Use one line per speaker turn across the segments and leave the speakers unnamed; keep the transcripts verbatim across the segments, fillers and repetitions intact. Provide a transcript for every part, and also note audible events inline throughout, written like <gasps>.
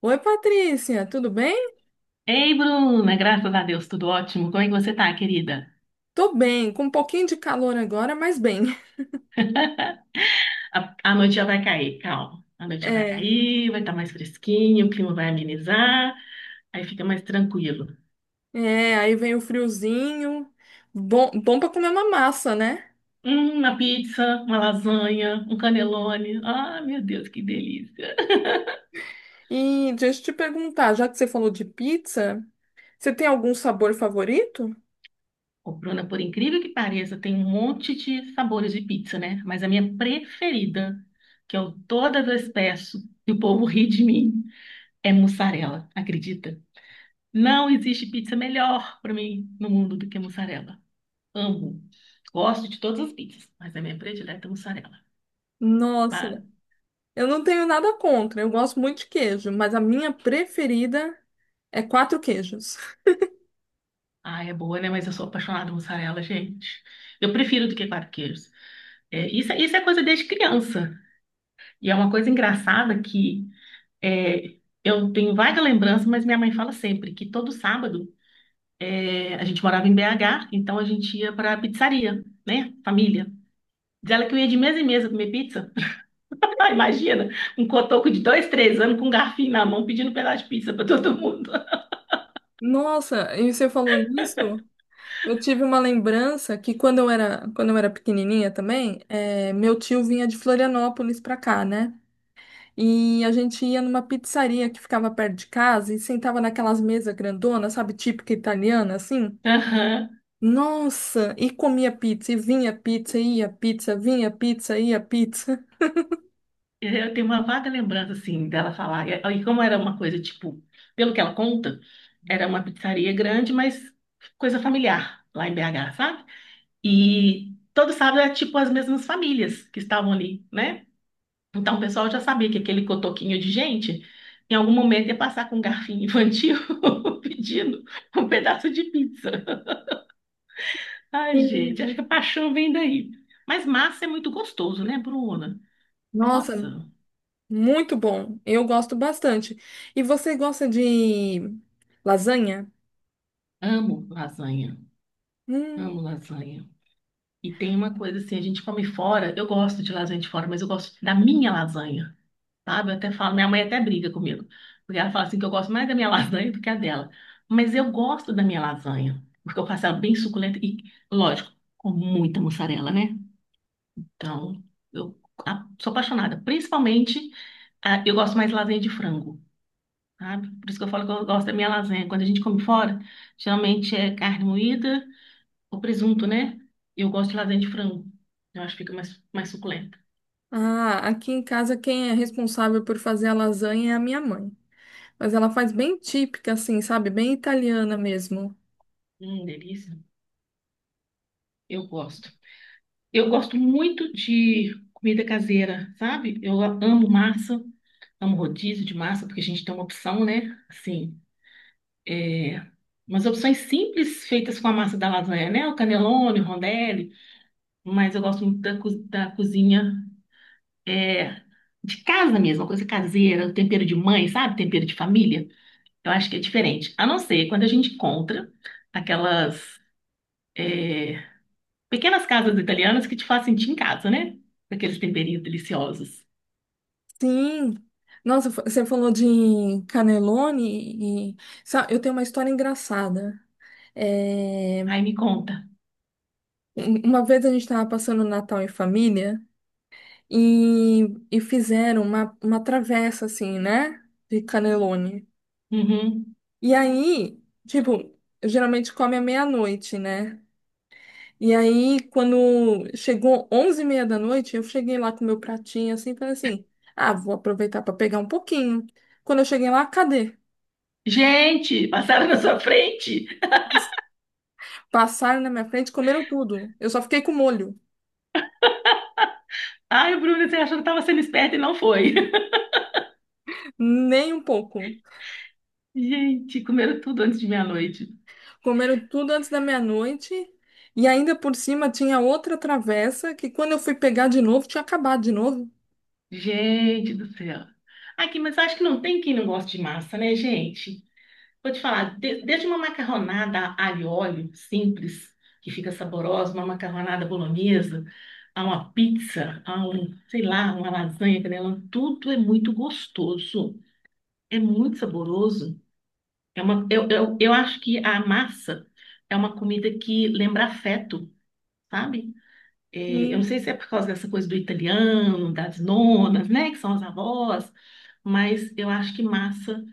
Oi, Patrícia, tudo bem?
Ei, Bruna, graças a Deus, tudo ótimo. Como é que você tá, querida?
Tô bem, com um pouquinho de calor agora, mas bem. <laughs>
A, a noite já vai cair, calma. A noite já vai
É,
cair, vai estar mais fresquinho, o clima vai amenizar, aí fica mais tranquilo.
é, aí vem o friozinho, bom, bom para comer uma massa, né?
Hum, uma pizza, uma lasanha, um canelone. Ah, meu Deus, que delícia.
E deixa eu te perguntar, já que você falou de pizza, você tem algum sabor favorito?
Ô, Bruna, por incrível que pareça, tem um monte de sabores de pizza, né? Mas a minha preferida, que eu toda vez peço e o povo ri de mim, é mussarela, acredita? Não existe pizza melhor para mim no mundo do que mussarela. Amo. Gosto de todas as pizzas, mas a minha predileta é mussarela. Ba-
Nossa, eu não tenho nada contra, eu gosto muito de queijo, mas a minha preferida é quatro queijos.
Ah, é boa, né? Mas eu sou apaixonada por mussarela, gente. Eu prefiro do que quatro queijos. É, isso, é- isso é coisa desde criança. E é uma coisa engraçada que é, eu tenho vaga lembrança, mas minha mãe fala sempre que todo sábado é, a gente morava em B H, então a gente ia para a pizzaria, né? Família. Diz ela que eu ia de mesa em mesa comer pizza. <laughs> Ah, imagina, um cotoco de dois, três anos com um garfinho na mão pedindo um pedaço de pizza para todo mundo.
Nossa, e você falou nisso? Eu tive uma lembrança que quando eu era, quando eu era pequenininha também, eh, meu tio vinha de Florianópolis pra cá, né? E a gente ia numa pizzaria que ficava perto de casa e sentava naquelas mesas grandonas, sabe, típica italiana, assim.
<laughs> Aham.
Nossa, e comia pizza, e vinha pizza, e ia pizza, vinha pizza, ia pizza.
Eu tenho uma vaga lembrança, assim, dela falar. E e como era uma coisa, tipo, pelo que ela conta, era uma pizzaria grande, mas coisa familiar, lá em B H, sabe? E todo sábado era, tipo, as mesmas famílias que estavam ali, né? Então o pessoal já sabia que aquele cotoquinho de gente, em algum momento, ia passar com um garfinho infantil <laughs> pedindo um pedaço de pizza. Ai, gente,
Sim.
acho que a paixão vem daí. Mas massa é muito gostoso, né, Bruna?
Nossa,
Nossa,
muito bom. Eu gosto bastante. E você gosta de lasanha?
amo lasanha. Amo
Hum.
lasanha. E tem uma coisa assim, a gente come fora. Eu gosto de lasanha de fora, mas eu gosto da minha lasanha, sabe? Eu até falo, minha mãe até briga comigo. Porque ela fala assim que eu gosto mais da minha <laughs> lasanha do que a dela. Mas eu gosto da minha lasanha. Porque eu faço ela bem suculenta e, lógico, com muita mussarela, né? Então, eu a- sou apaixonada. Principalmente, a- eu gosto mais de lasanha de frango. Sabe? Por isso que eu falo que eu gosto da minha lasanha. Quando a gente come fora, geralmente é carne moída ou presunto, né? Eu gosto de lasanha de frango. Eu acho que fica mais, mais suculenta.
Ah, aqui em casa quem é responsável por fazer a lasanha é a minha mãe. Mas ela faz bem típica, assim, sabe? Bem italiana mesmo.
Hum, delícia. Eu gosto. Eu gosto muito de comida caseira, sabe? Eu amo massa, amo rodízio de massa, porque a gente tem uma opção, né? Assim, é... umas opções simples feitas com a massa da lasanha, né? O canelone, o rondelli. Mas eu gosto muito da, co- da cozinha. é, de casa mesmo, uma coisa caseira, o tempero de mãe, sabe? Tempero de família. Eu acho que é diferente. A não ser quando a gente encontra aquelas é, pequenas casas italianas que te fazem sentir em casa, né? Com aqueles temperinhos deliciosos.
Sim. Nossa, fa- você falou de cannelloni e sa- eu tenho uma história engraçada. É,
Ai, me conta.
um- Uma vez a gente estava passando o Natal em família e, e fizeram uma, uma travessa, assim, né? De cannelloni.
Uhum.
E aí, tipo, geralmente come à meia-noite, né? E aí, quando chegou onze e meia da noite, eu cheguei lá com meu pratinho, assim, falei assim, ah, vou aproveitar para pegar um pouquinho. Quando eu cheguei lá, cadê?
Gente, passaram na sua frente.
Passaram na minha frente, comeram tudo. Eu só fiquei com molho,
Ai, Bruno, você achou que estava sendo esperto e não foi. <laughs>
nem um pouco.
Gente, comeram tudo antes de meia-noite.
Comeram tudo antes da meia-noite e ainda por cima tinha outra travessa que quando eu fui pegar de novo, tinha acabado de novo.
Gente do céu. Aqui, mas acho que não tem quem não goste de massa, né, gente? Vou te falar, de- desde uma macarronada alho e óleo simples, que fica saborosa, uma macarronada bolonhesa, a uma pizza, a um, sei lá, uma lasanha, canelão, tudo é muito gostoso, é muito saboroso. É uma, eu, eu, eu acho que a massa é uma comida que lembra afeto, sabe? É, eu não
Sim,
sei se é por causa dessa coisa do italiano, das nonas, né, que são as avós, mas eu acho que massa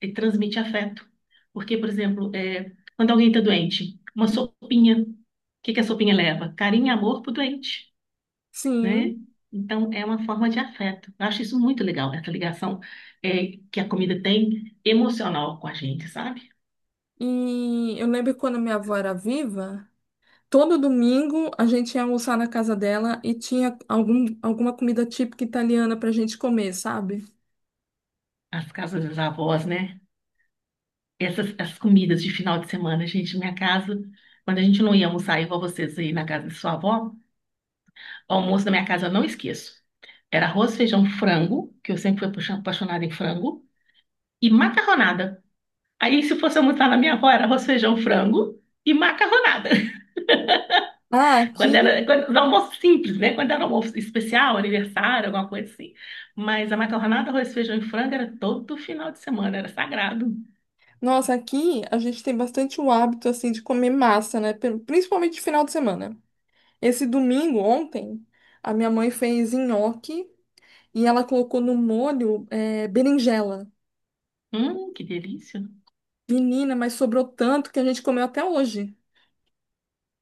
ele transmite afeto. Porque, por exemplo, é, quando alguém está doente, uma sopinha, o que que a sopinha leva? Carinho e amor pro doente,
sim,
né? Então, é uma forma de afeto. Eu acho isso muito legal, essa ligação é, que a comida tem emocional com a gente, sabe?
e eu lembro quando minha avó era viva. Todo domingo a gente ia almoçar na casa dela e tinha algum, alguma comida típica italiana pra gente comer, sabe?
As casas das avós, né? Essas as comidas de final de semana, gente, minha casa, quando a gente não ia almoçar igual vocês aí na casa de sua avó, o almoço da minha casa eu não esqueço. Era arroz, feijão, frango, que eu sempre fui apaixon- apaixonada em frango, e macarronada. Aí, se fosse almoçar na minha avó, era arroz, feijão, frango e macarronada. <laughs>
Ah,
Quando
aqui,
era, quando, era almoço simples, né? Quando era almoço especial, aniversário, alguma coisa assim. Mas a macarronada, arroz, feijão e frango era todo final de semana, era sagrado.
nossa, aqui a gente tem bastante o hábito assim de comer massa, né? Pelo- Principalmente de final de semana. Esse domingo, ontem, a minha mãe fez nhoque e ela colocou no molho eh, berinjela.
Hum, que delícia.
Menina, mas sobrou tanto que a gente comeu até hoje.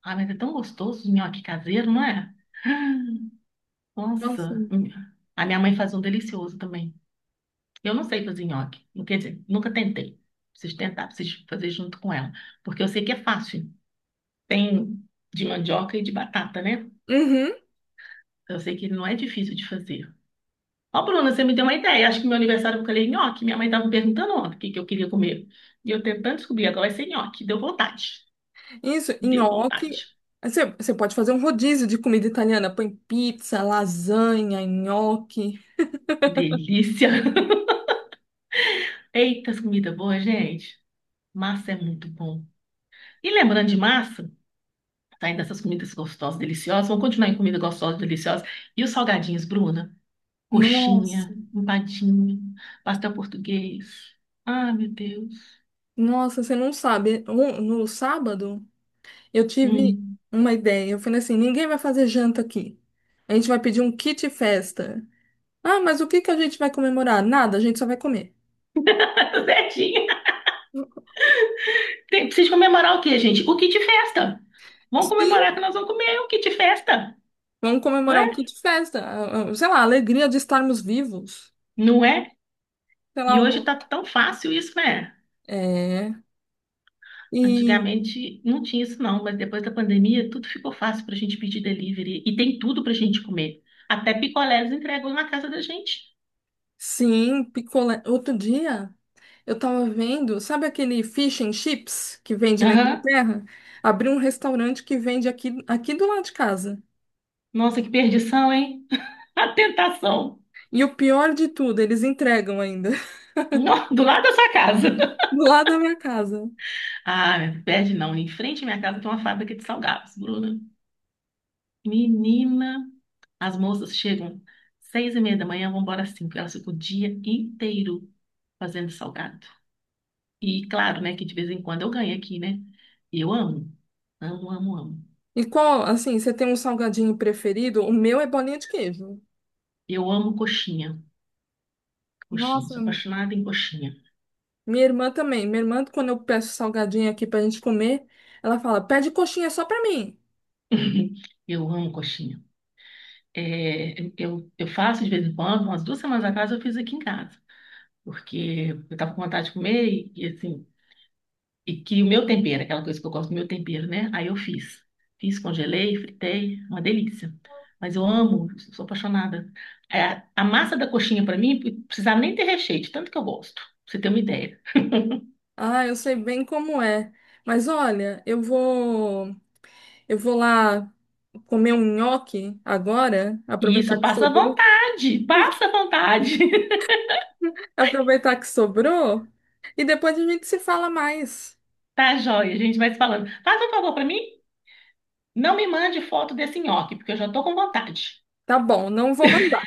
Ah, mas é tão gostoso o nhoque caseiro, não é? <gasps>
Nossa.
Nossa. Hum. A minha mãe faz um delicioso também. Eu não sei fazer nhoque. Quer dizer, nunca tentei. Preciso tentar, preciso fazer junto com ela. Porque eu sei que é fácil. Tem de mandioca e de batata, né?
Uhum.
Eu sei que não é difícil de fazer. Ó, Bruna, você me deu uma ideia. Acho que meu aniversário eu falei nhoque. Minha mãe estava me perguntando ontem o que que eu queria comer. E eu tentando descobrir, agora vai ser nhoque. Deu vontade.
Isso,
Deu
nhoque.
vontade.
Você, você pode fazer um rodízio de comida italiana. Põe pizza, lasanha, nhoque.
Delícia. <laughs> Eita, as comidas boas, gente. Massa é muito bom. E lembrando de massa, saindo dessas comidas gostosas, deliciosas, vamos continuar em comida gostosa, deliciosa. E os salgadinhos, Bruna?
Nossa,
Coxinha, empadinho, pastel português. Ah, meu Deus.
nossa, você não sabe. Um- No sábado, eu tive
Hum.
uma ideia. Eu falei assim: ninguém vai fazer janta aqui. A gente vai pedir um kit festa. Ah, mas o que que a gente vai comemorar? Nada, a gente só vai comer.
<laughs> Zetinha. Tem, precisa comemorar o quê, gente? O kit festa. Vamos
Sim,
comemorar que nós vamos comer o kit festa,
vamos
não
comemorar
é?
o kit festa. Ah, ah, Sei lá, a alegria de estarmos vivos.
Não é?
Sei lá,
E hoje
alguma-
tá tão fácil isso, né?
é. E
Antigamente não tinha isso não, mas depois da pandemia tudo ficou fácil pra gente pedir delivery e tem tudo pra gente comer. Até picolés entregam na casa da gente.
sim, picolé. Outro dia eu tava vendo, sabe aquele fish and chips que vende na
Aham.
Inglaterra? Abriu um restaurante que vende aqui, aqui do lado de casa.
Nossa, que perdição, hein? A tentação.
E o pior de tudo, eles entregam ainda, <laughs>
Nó, do lado da sua casa. <laughs>
do lado da minha casa.
Ah, perde não. Em frente à minha casa tem uma fábrica de salgados, Bruna. Menina, as moças chegam seis e meia da manhã, vão embora às cinco. Elas ficam o dia inteiro fazendo salgado. E claro, né, que de vez em quando eu ganho aqui, né? E eu amo. Amo, amo, amo.
E qual, assim, você tem um salgadinho preferido? O meu é bolinha de queijo.
Eu amo coxinha. Coxinha.
Nossa,
Sou apaixonada em coxinha.
minha irmã também. Minha irmã, quando eu peço salgadinho aqui pra gente comer, ela fala: pede coxinha só pra mim.
<laughs> Eu amo coxinha. É, eu, eu faço de vez em quando, umas duas semanas atrás eu fiz aqui em casa. Porque eu estava com vontade de comer e, e, assim, e que o meu tempero, aquela coisa que eu gosto do meu tempero, né? Aí eu fiz. Fiz, congelei, fritei, uma delícia. Mas eu amo, sou apaixonada. É, a massa da coxinha, para mim, precisava nem ter recheio, de tanto que eu gosto, pra você ter uma ideia.
Ah, eu sei bem como é. Mas olha, eu vou. Eu vou lá comer um nhoque agora,
E
aproveitar
isso,
que
passa à
sobrou,
vontade, passa à vontade. <laughs>
<laughs> aproveitar que sobrou, e depois a gente se fala mais.
Tá joia, a gente vai se falando. Faz um favor para mim, não me mande foto desse nhoque, porque eu já tô com vontade.
Tá bom, não vou mandar.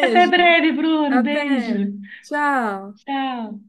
Até breve, Bruno.
até.
Beijo.
Tchau.
Tchau.